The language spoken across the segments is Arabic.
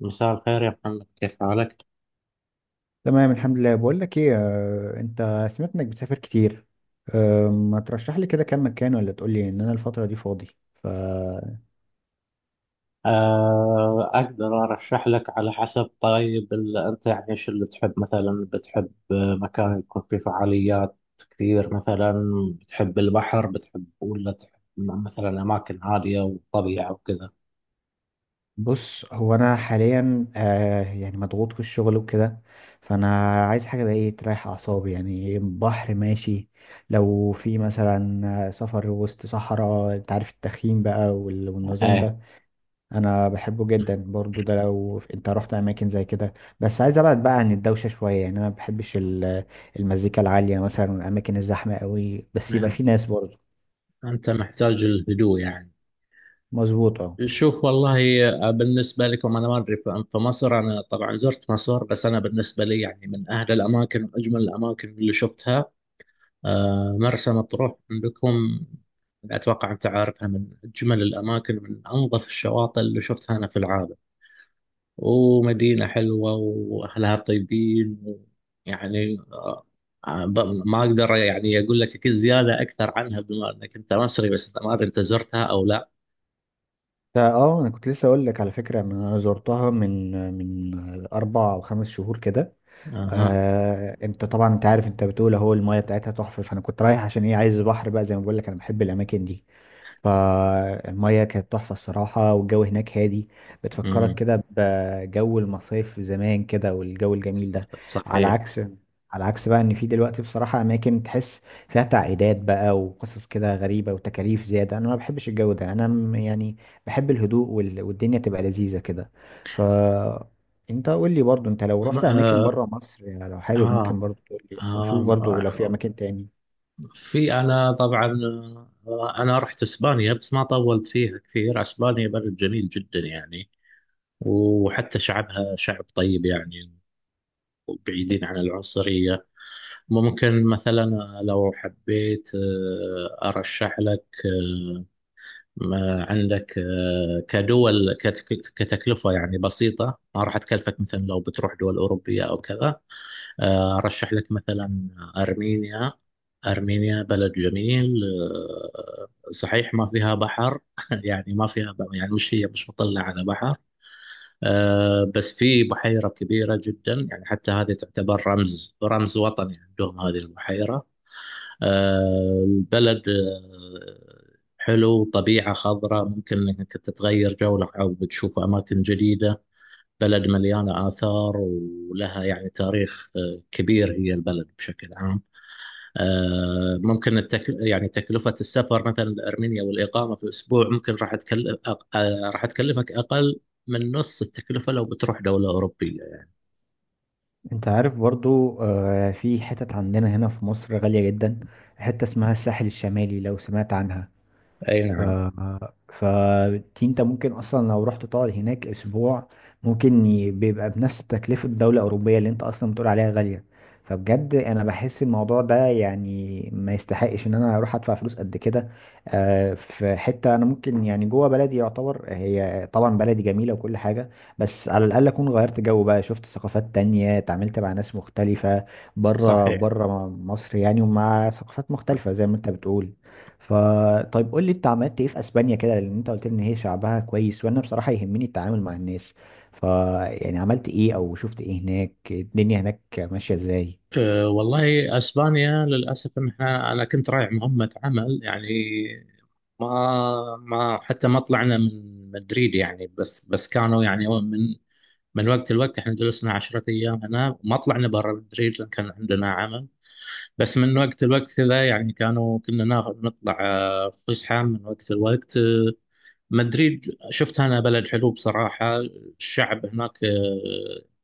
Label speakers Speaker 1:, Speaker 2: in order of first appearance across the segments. Speaker 1: مساء الخير يا محمد، كيف حالك؟
Speaker 2: تمام، الحمد لله. بقول لك ايه، انت سمعت انك بتسافر كتير. ما ترشح لي كده كام مكان؟ ولا تقول لي ان انا الفترة دي فاضي. فبص.
Speaker 1: أقدر أرشح لك على حسب. طيب أنت يعني إيش اللي تحب؟ مثلا بتحب مكان يكون فيه فعاليات كثير مثلا؟ بتحب البحر؟ بتحب ولا تحب مثلا أماكن هادية وطبيعة وكذا؟
Speaker 2: هو انا حاليا يعني مضغوط في الشغل وكده. فانا عايز حاجة بقى ايه تريح اعصابي، يعني بحر ماشي. لو في مثلا سفر وسط صحراء، انت عارف التخييم بقى والنظام
Speaker 1: إيه،
Speaker 2: ده انا بحبه جدا برضو، ده لو انت رحت اماكن زي كده. بس عايز ابعد بقى عن الدوشه شويه، يعني انا ما بحبش المزيكا العاليه مثلا والاماكن الزحمه قوي، بس يبقى في ناس برضو.
Speaker 1: أنت محتاج الهدوء يعني.
Speaker 2: مظبوط، اه.
Speaker 1: شوف والله، بالنسبة لكم أنا ما أدري. في مصر أنا طبعا زرت مصر، بس أنا بالنسبة لي يعني من أهل الأماكن وأجمل الأماكن اللي شفتها، مرسى مطروح عندكم، أتوقع أنت عارفها. من أجمل الأماكن، من أنظف الشواطئ اللي شفتها أنا في العالم. ومدينة حلوة وأهلها طيبين يعني. آه، ب- ما أقدر يعني أقول لك كل زيادة أكثر عنها، بما أنك أنت مصري. بس ما أدري أنت زرتها أو لا.
Speaker 2: اه، انا كنت لسه اقول لك على فكره إن انا زرتها من 4 او 5 شهور كده.
Speaker 1: أها.
Speaker 2: انت طبعا، انت عارف، انت بتقول اهو المايه بتاعتها تحفه. فانا كنت رايح عشان ايه، عايز بحر بقى زي ما بقول لك، انا بحب الاماكن دي. فالمايه كانت تحفه الصراحه، والجو هناك هادي، بتفكرك
Speaker 1: أمم،
Speaker 2: كده بجو المصايف زمان كده والجو الجميل ده. على
Speaker 1: صحيح.
Speaker 2: عكس على عكس بقى، ان في دلوقتي بصراحه اماكن تحس فيها تعقيدات بقى وقصص كده غريبه وتكاليف زياده. انا ما بحبش الجو ده، انا يعني بحب الهدوء والدنيا تبقى لذيذه كده. ف انت قول لي برضو، انت لو
Speaker 1: م-
Speaker 2: رحت اماكن
Speaker 1: آه
Speaker 2: بره مصر، يعني لو حابب
Speaker 1: آه
Speaker 2: ممكن برضو تقول لي،
Speaker 1: آه
Speaker 2: وشوف برضو لو في اماكن تاني.
Speaker 1: في. انا طبعا انا رحت اسبانيا، بس ما طولت فيها كثير. اسبانيا بلد جميل جدا يعني، وحتى شعبها شعب طيب يعني، وبعيدين عن العنصرية. ممكن مثلا لو حبيت ارشح لك. ما عندك كدول كتكلفة يعني بسيطة، ما راح تكلفك مثلا لو بتروح دول أوروبية أو كذا. أرشح لك مثلا أرمينيا. أرمينيا بلد جميل. صحيح ما فيها بحر يعني، ما فيها يعني مش هي مش مطلة على بحر. بس في بحيرة كبيرة جدا يعني، حتى هذه تعتبر رمز وطني عندهم هذه البحيرة. البلد حلو، طبيعة خضراء، ممكن انك تتغير جو او بتشوف اماكن جديدة. بلد مليانة آثار ولها يعني تاريخ كبير، هي البلد بشكل عام. ممكن يعني تكلفة السفر مثلا لأرمينيا والإقامة في أسبوع ممكن راح تكلف راح تكلفك أقل من نص التكلفة لو بتروح دولة أوروبية يعني.
Speaker 2: انت عارف برضو، في حتت عندنا هنا في مصر غالية جدا، حتة اسمها الساحل الشمالي، لو سمعت عنها.
Speaker 1: أي
Speaker 2: ف
Speaker 1: نعم.
Speaker 2: فدي انت ممكن اصلا لو رحت تقعد هناك اسبوع، ممكن بيبقى بنفس تكلفة دولة اوروبية اللي انت اصلا بتقول عليها غالية. فبجد انا بحس الموضوع ده يعني ما يستحقش ان انا اروح ادفع فلوس قد كده. في حتة انا ممكن يعني جوه بلدي يعتبر، هي طبعا بلدي جميلة وكل حاجة، بس على الاقل اكون غيرت جو بقى، شفت ثقافات تانية، اتعاملت مع ناس مختلفة بره،
Speaker 1: صحيح.
Speaker 2: بره مصر يعني، ومع ثقافات مختلفة زي ما انت بتقول. فطيب، قول لي انت عملت ايه في اسبانيا كده، لان انت قلت لي ان هي شعبها كويس، وانا بصراحة يهمني التعامل مع الناس. ف يعني عملت ايه او شفت ايه هناك، الدنيا هناك ماشية ازاي؟
Speaker 1: أه، والله اسبانيا للاسف، ان احنا انا كنت رايح مهمه عمل يعني. ما حتى ما طلعنا من مدريد يعني. بس كانوا يعني من وقت لوقت. احنا جلسنا 10 ايام هنا، ما طلعنا برا مدريد لان كان عندنا عمل. بس من وقت لوقت كذا يعني كنا ناخذ نطلع فسحه من وقت لوقت. مدريد شفتها أنا، بلد حلو بصراحة. الشعب هناك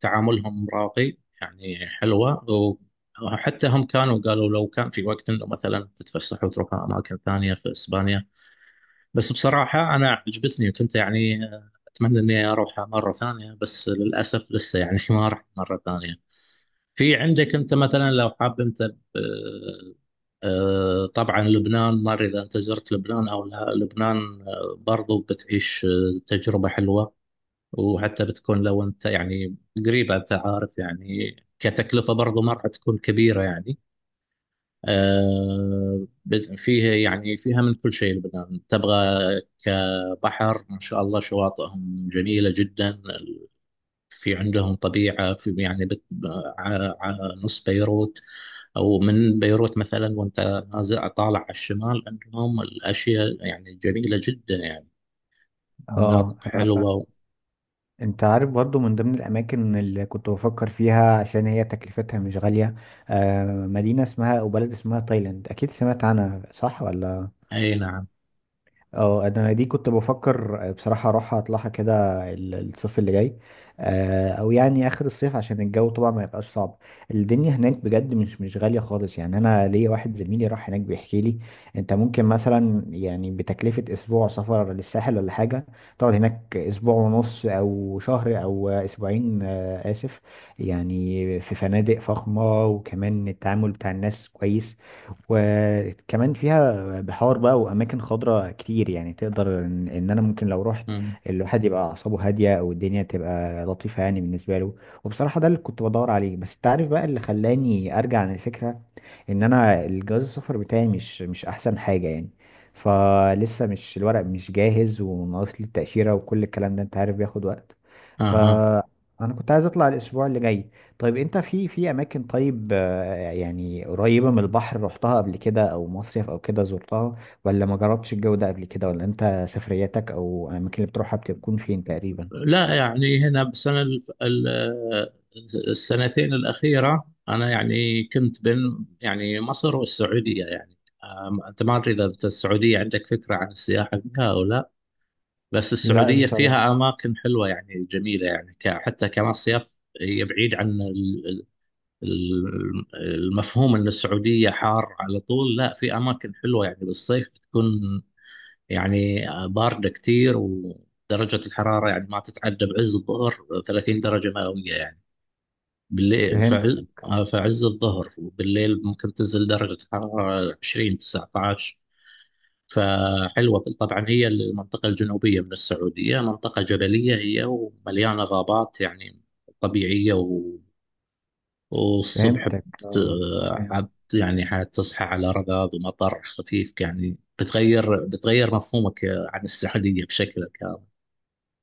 Speaker 1: تعاملهم راقي يعني، حلوة. وحتى هم كانوا قالوا لو كان في وقت انه مثلا تتفسح وتروح اماكن ثانيه في اسبانيا. بس بصراحه انا عجبتني، وكنت يعني اتمنى اني اروحها مره ثانيه، بس للاسف لسه يعني ما رحت مره ثانيه. في عندك انت مثلا، لو حاب انت طبعا لبنان. ما ادري اذا انت زرت لبنان او لا. لبنان برضو بتعيش تجربه حلوه. وحتى بتكون لو انت يعني قريبه، انت عارف يعني كتكلفه برضو ما راح تكون كبيره يعني. فيها يعني، فيها من كل شيء لبنان تبغى. كبحر ما شاء الله، شواطئهم جميله جدا. في عندهم طبيعه. يعني نص بيروت او من بيروت مثلا، وانت نازع طالع على الشمال، عندهم الاشياء يعني جميله جدا يعني، مناطق
Speaker 2: اه،
Speaker 1: حلوه و...
Speaker 2: انت عارف برضو، من ضمن الاماكن اللي كنت بفكر فيها عشان هي تكلفتها مش غالية، مدينة اسمها او بلد اسمها تايلاند، اكيد سمعت عنها صح ولا؟
Speaker 1: اي نعم.
Speaker 2: اه، انا دي كنت بفكر بصراحه اروح اطلعها كده الصيف اللي جاي، او يعني اخر الصيف عشان الجو طبعا ما يبقاش صعب. الدنيا هناك بجد مش غاليه خالص، يعني انا ليا واحد زميلي راح هناك بيحكي لي، انت ممكن مثلا يعني بتكلفه اسبوع سفر للساحل ولا حاجه تقعد هناك اسبوع ونص او شهر او اسبوعين، اسف. يعني في فنادق فخمه، وكمان التعامل بتاع الناس كويس، وكمان فيها بحار بقى واماكن خضراء كتير، يعني تقدر ان انا ممكن لو رحت
Speaker 1: مم.
Speaker 2: الواحد يبقى اعصابه هاديه او الدنيا تبقى لطيفه يعني بالنسبه له. وبصراحه ده اللي كنت بدور عليه، بس انت عارف بقى اللي خلاني ارجع عن الفكره، ان انا الجواز السفر بتاعي مش احسن حاجه يعني، فلسه مش الورق مش جاهز، وناقص لي التاشيره وكل الكلام ده، انت عارف بياخد وقت. ف
Speaker 1: اها.
Speaker 2: انا كنت عايز اطلع الاسبوع اللي جاي. طيب انت، في اماكن طيب يعني قريبة من البحر، رحتها قبل كده او مصيف او كده زرتها؟ ولا ما جربتش الجو ده قبل كده؟ ولا انت سفرياتك او الاماكن اللي بتروحها بتكون فين تقريبا؟
Speaker 1: لا يعني، هنا بسنه السنتين الاخيره انا يعني كنت بين يعني مصر والسعوديه يعني. انت ما ادري اذا انت السعوديه عندك فكره عن السياحه فيها او لا. بس
Speaker 2: لا
Speaker 1: السعوديه
Speaker 2: بصراحة.
Speaker 1: فيها اماكن حلوه يعني، جميله يعني، حتى كمصيف، هي بعيد عن المفهوم ان السعوديه حار على طول. لا، في اماكن حلوه يعني بالصيف تكون يعني بارده كتير، ودرجه الحراره يعني ما تتعدى بعز الظهر 30 درجه مئويه يعني. بالليل،
Speaker 2: فهمت.
Speaker 1: فعز الظهر وبالليل ممكن تنزل درجه الحراره 20 19. فحلوه طبعا، هي المنطقه الجنوبيه من السعوديه، منطقه جبليه هي ومليانه غابات يعني طبيعيه. والصبح
Speaker 2: فهمتك، اه.
Speaker 1: يعني حتصحى على رذاذ ومطر خفيف يعني، بتغير مفهومك عن السعودية بشكل كامل.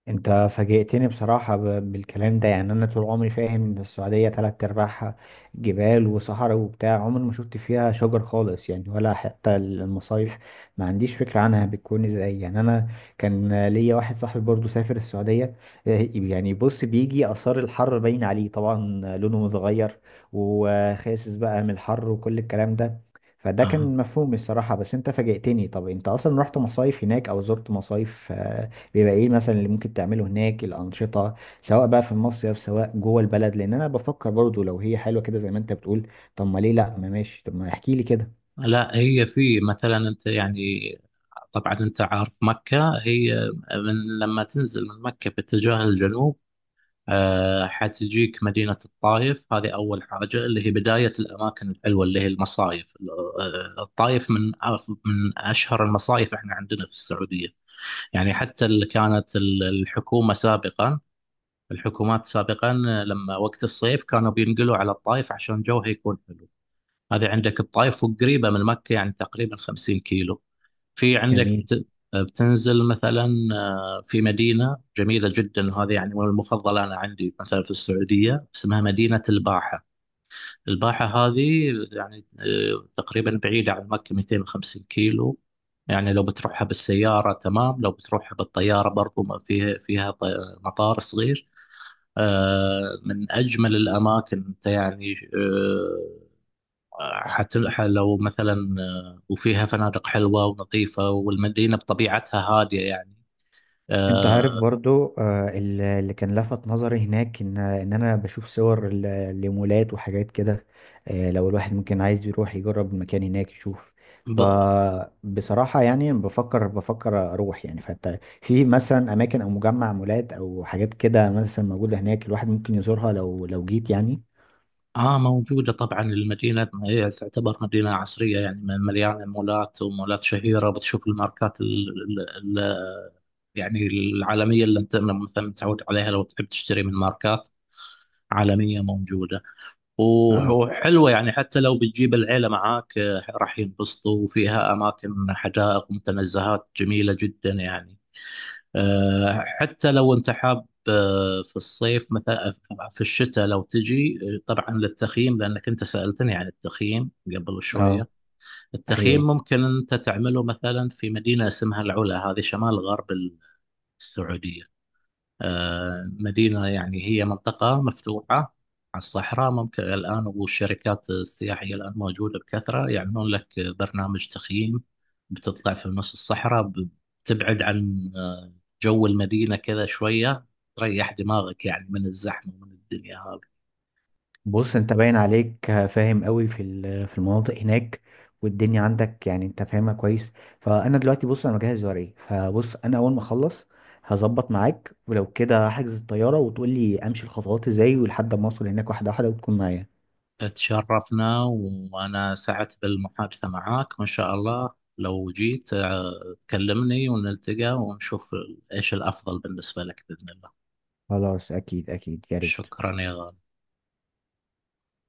Speaker 2: انت فاجئتني بصراحة بالكلام ده، يعني انا طول عمري فاهم ان السعودية تلات ارباعها جبال وصحراء وبتاع، عمري ما شفت فيها شجر خالص يعني، ولا حتى المصايف ما عنديش فكرة عنها بتكون ازاي. يعني انا كان ليا واحد صاحبي برضو سافر السعودية، اه، يعني بص، بيجي اثار الحر باين عليه طبعا، لونه متغير، وخاسس بقى من الحر وكل الكلام ده. فده
Speaker 1: أها.
Speaker 2: كان مفهوم الصراحة، بس انت فاجئتني. طب انت اصلا رحت مصايف هناك او زرت مصايف؟ بيبقى ايه مثلا اللي ممكن تعمله هناك، الانشطه سواء بقى في المصيف سواء جوه البلد؟ لان انا بفكر برضو لو هي حلوه كده زي ما انت بتقول، طب ما ليه لا، ما ماشي، طب ما احكي لي كده.
Speaker 1: لا، هي في مثلا انت يعني، طبعا انت عارف مكة هي، من لما تنزل من مكة باتجاه الجنوب حتجيك مدينة الطايف. هذه أول حاجة اللي هي بداية الأماكن الحلوة اللي هي المصايف. الطايف من من أشهر المصايف احنا عندنا في السعودية. يعني حتى اللي كانت الحكومة سابقا، الحكومات سابقا، لما وقت الصيف كانوا بينقلوا على الطايف عشان جوها يكون حلو. هذه عندك الطايف، وقريبة من مكة يعني تقريبا 50 كيلو. في عندك
Speaker 2: جميل.
Speaker 1: بتنزل مثلا. في مدينة جميلة جدا، وهذه يعني من المفضلة أنا عندي مثلا في السعودية، اسمها مدينة الباحة. الباحة هذه يعني تقريبا بعيدة عن مكة 250 كيلو. يعني لو بتروحها بالسيارة تمام، لو بتروحها بالطيارة برضو ما فيها فيها ط- مطار صغير. من أجمل الأماكن أنت يعني. لو مثلا وفيها فنادق حلوة ونظيفة، والمدينة بطبيعتها هادية يعني.
Speaker 2: انت عارف
Speaker 1: آه،
Speaker 2: برضو، اللي كان لفت نظري هناك، ان انا بشوف صور لمولات وحاجات كده. لو الواحد ممكن عايز يروح يجرب المكان هناك يشوف.
Speaker 1: ب-
Speaker 2: فبصراحة يعني بفكر اروح، يعني فانت في مثلا اماكن او مجمع مولات او حاجات كده مثلا موجودة هناك، الواحد ممكن يزورها لو جيت يعني.
Speaker 1: اه، موجودة طبعا. المدينة هي تعتبر مدينة عصرية يعني، مليانة مولات، ومولات شهيرة، بتشوف الماركات ال ال ال يعني العالمية، اللي انت مثلا متعود عليها، لو تحب تشتري من ماركات عالمية، موجودة.
Speaker 2: اه،
Speaker 1: وحلوة يعني. حتى لو بتجيب العيلة معاك راح ينبسطوا، وفيها أماكن حدائق ومتنزهات جميلة جدا يعني. حتى لو انت حاب في الصيف مثلا، في الشتاء لو تجي طبعا للتخييم، لانك انت سالتني عن التخييم قبل
Speaker 2: اه،
Speaker 1: شويه. التخييم
Speaker 2: ايوه.
Speaker 1: ممكن انت تعمله مثلا في مدينه اسمها العلا، هذه شمال غرب السعوديه. مدينة يعني، هي منطقة مفتوحة على الصحراء. ممكن الآن، والشركات السياحية الآن موجودة بكثرة، يعملون لك برنامج تخييم. بتطلع في نص الصحراء، بتبعد عن جو المدينة كذا شوية، تريح دماغك يعني من الزحمة ومن الدنيا هذه.
Speaker 2: بص، انت باين عليك فاهم قوي في المناطق هناك والدنيا عندك، يعني انت فاهمها كويس. فانا دلوقتي، بص، انا مجهز ورقي. فبص، انا اول ما اخلص هظبط معاك، ولو كده هحجز الطياره، وتقول لي امشي الخطوات ازاي، ولحد ما اوصل هناك واحده واحده وتكون معايا.
Speaker 1: تشرفنا، وأنا سعدت بالمحادثة معاك، وإن شاء الله لو جيت تكلمني ونلتقى ونشوف إيش الأفضل بالنسبة لك بإذن الله.
Speaker 2: خلاص، اكيد اكيد، يا ريت.
Speaker 1: شكرا يا غالي.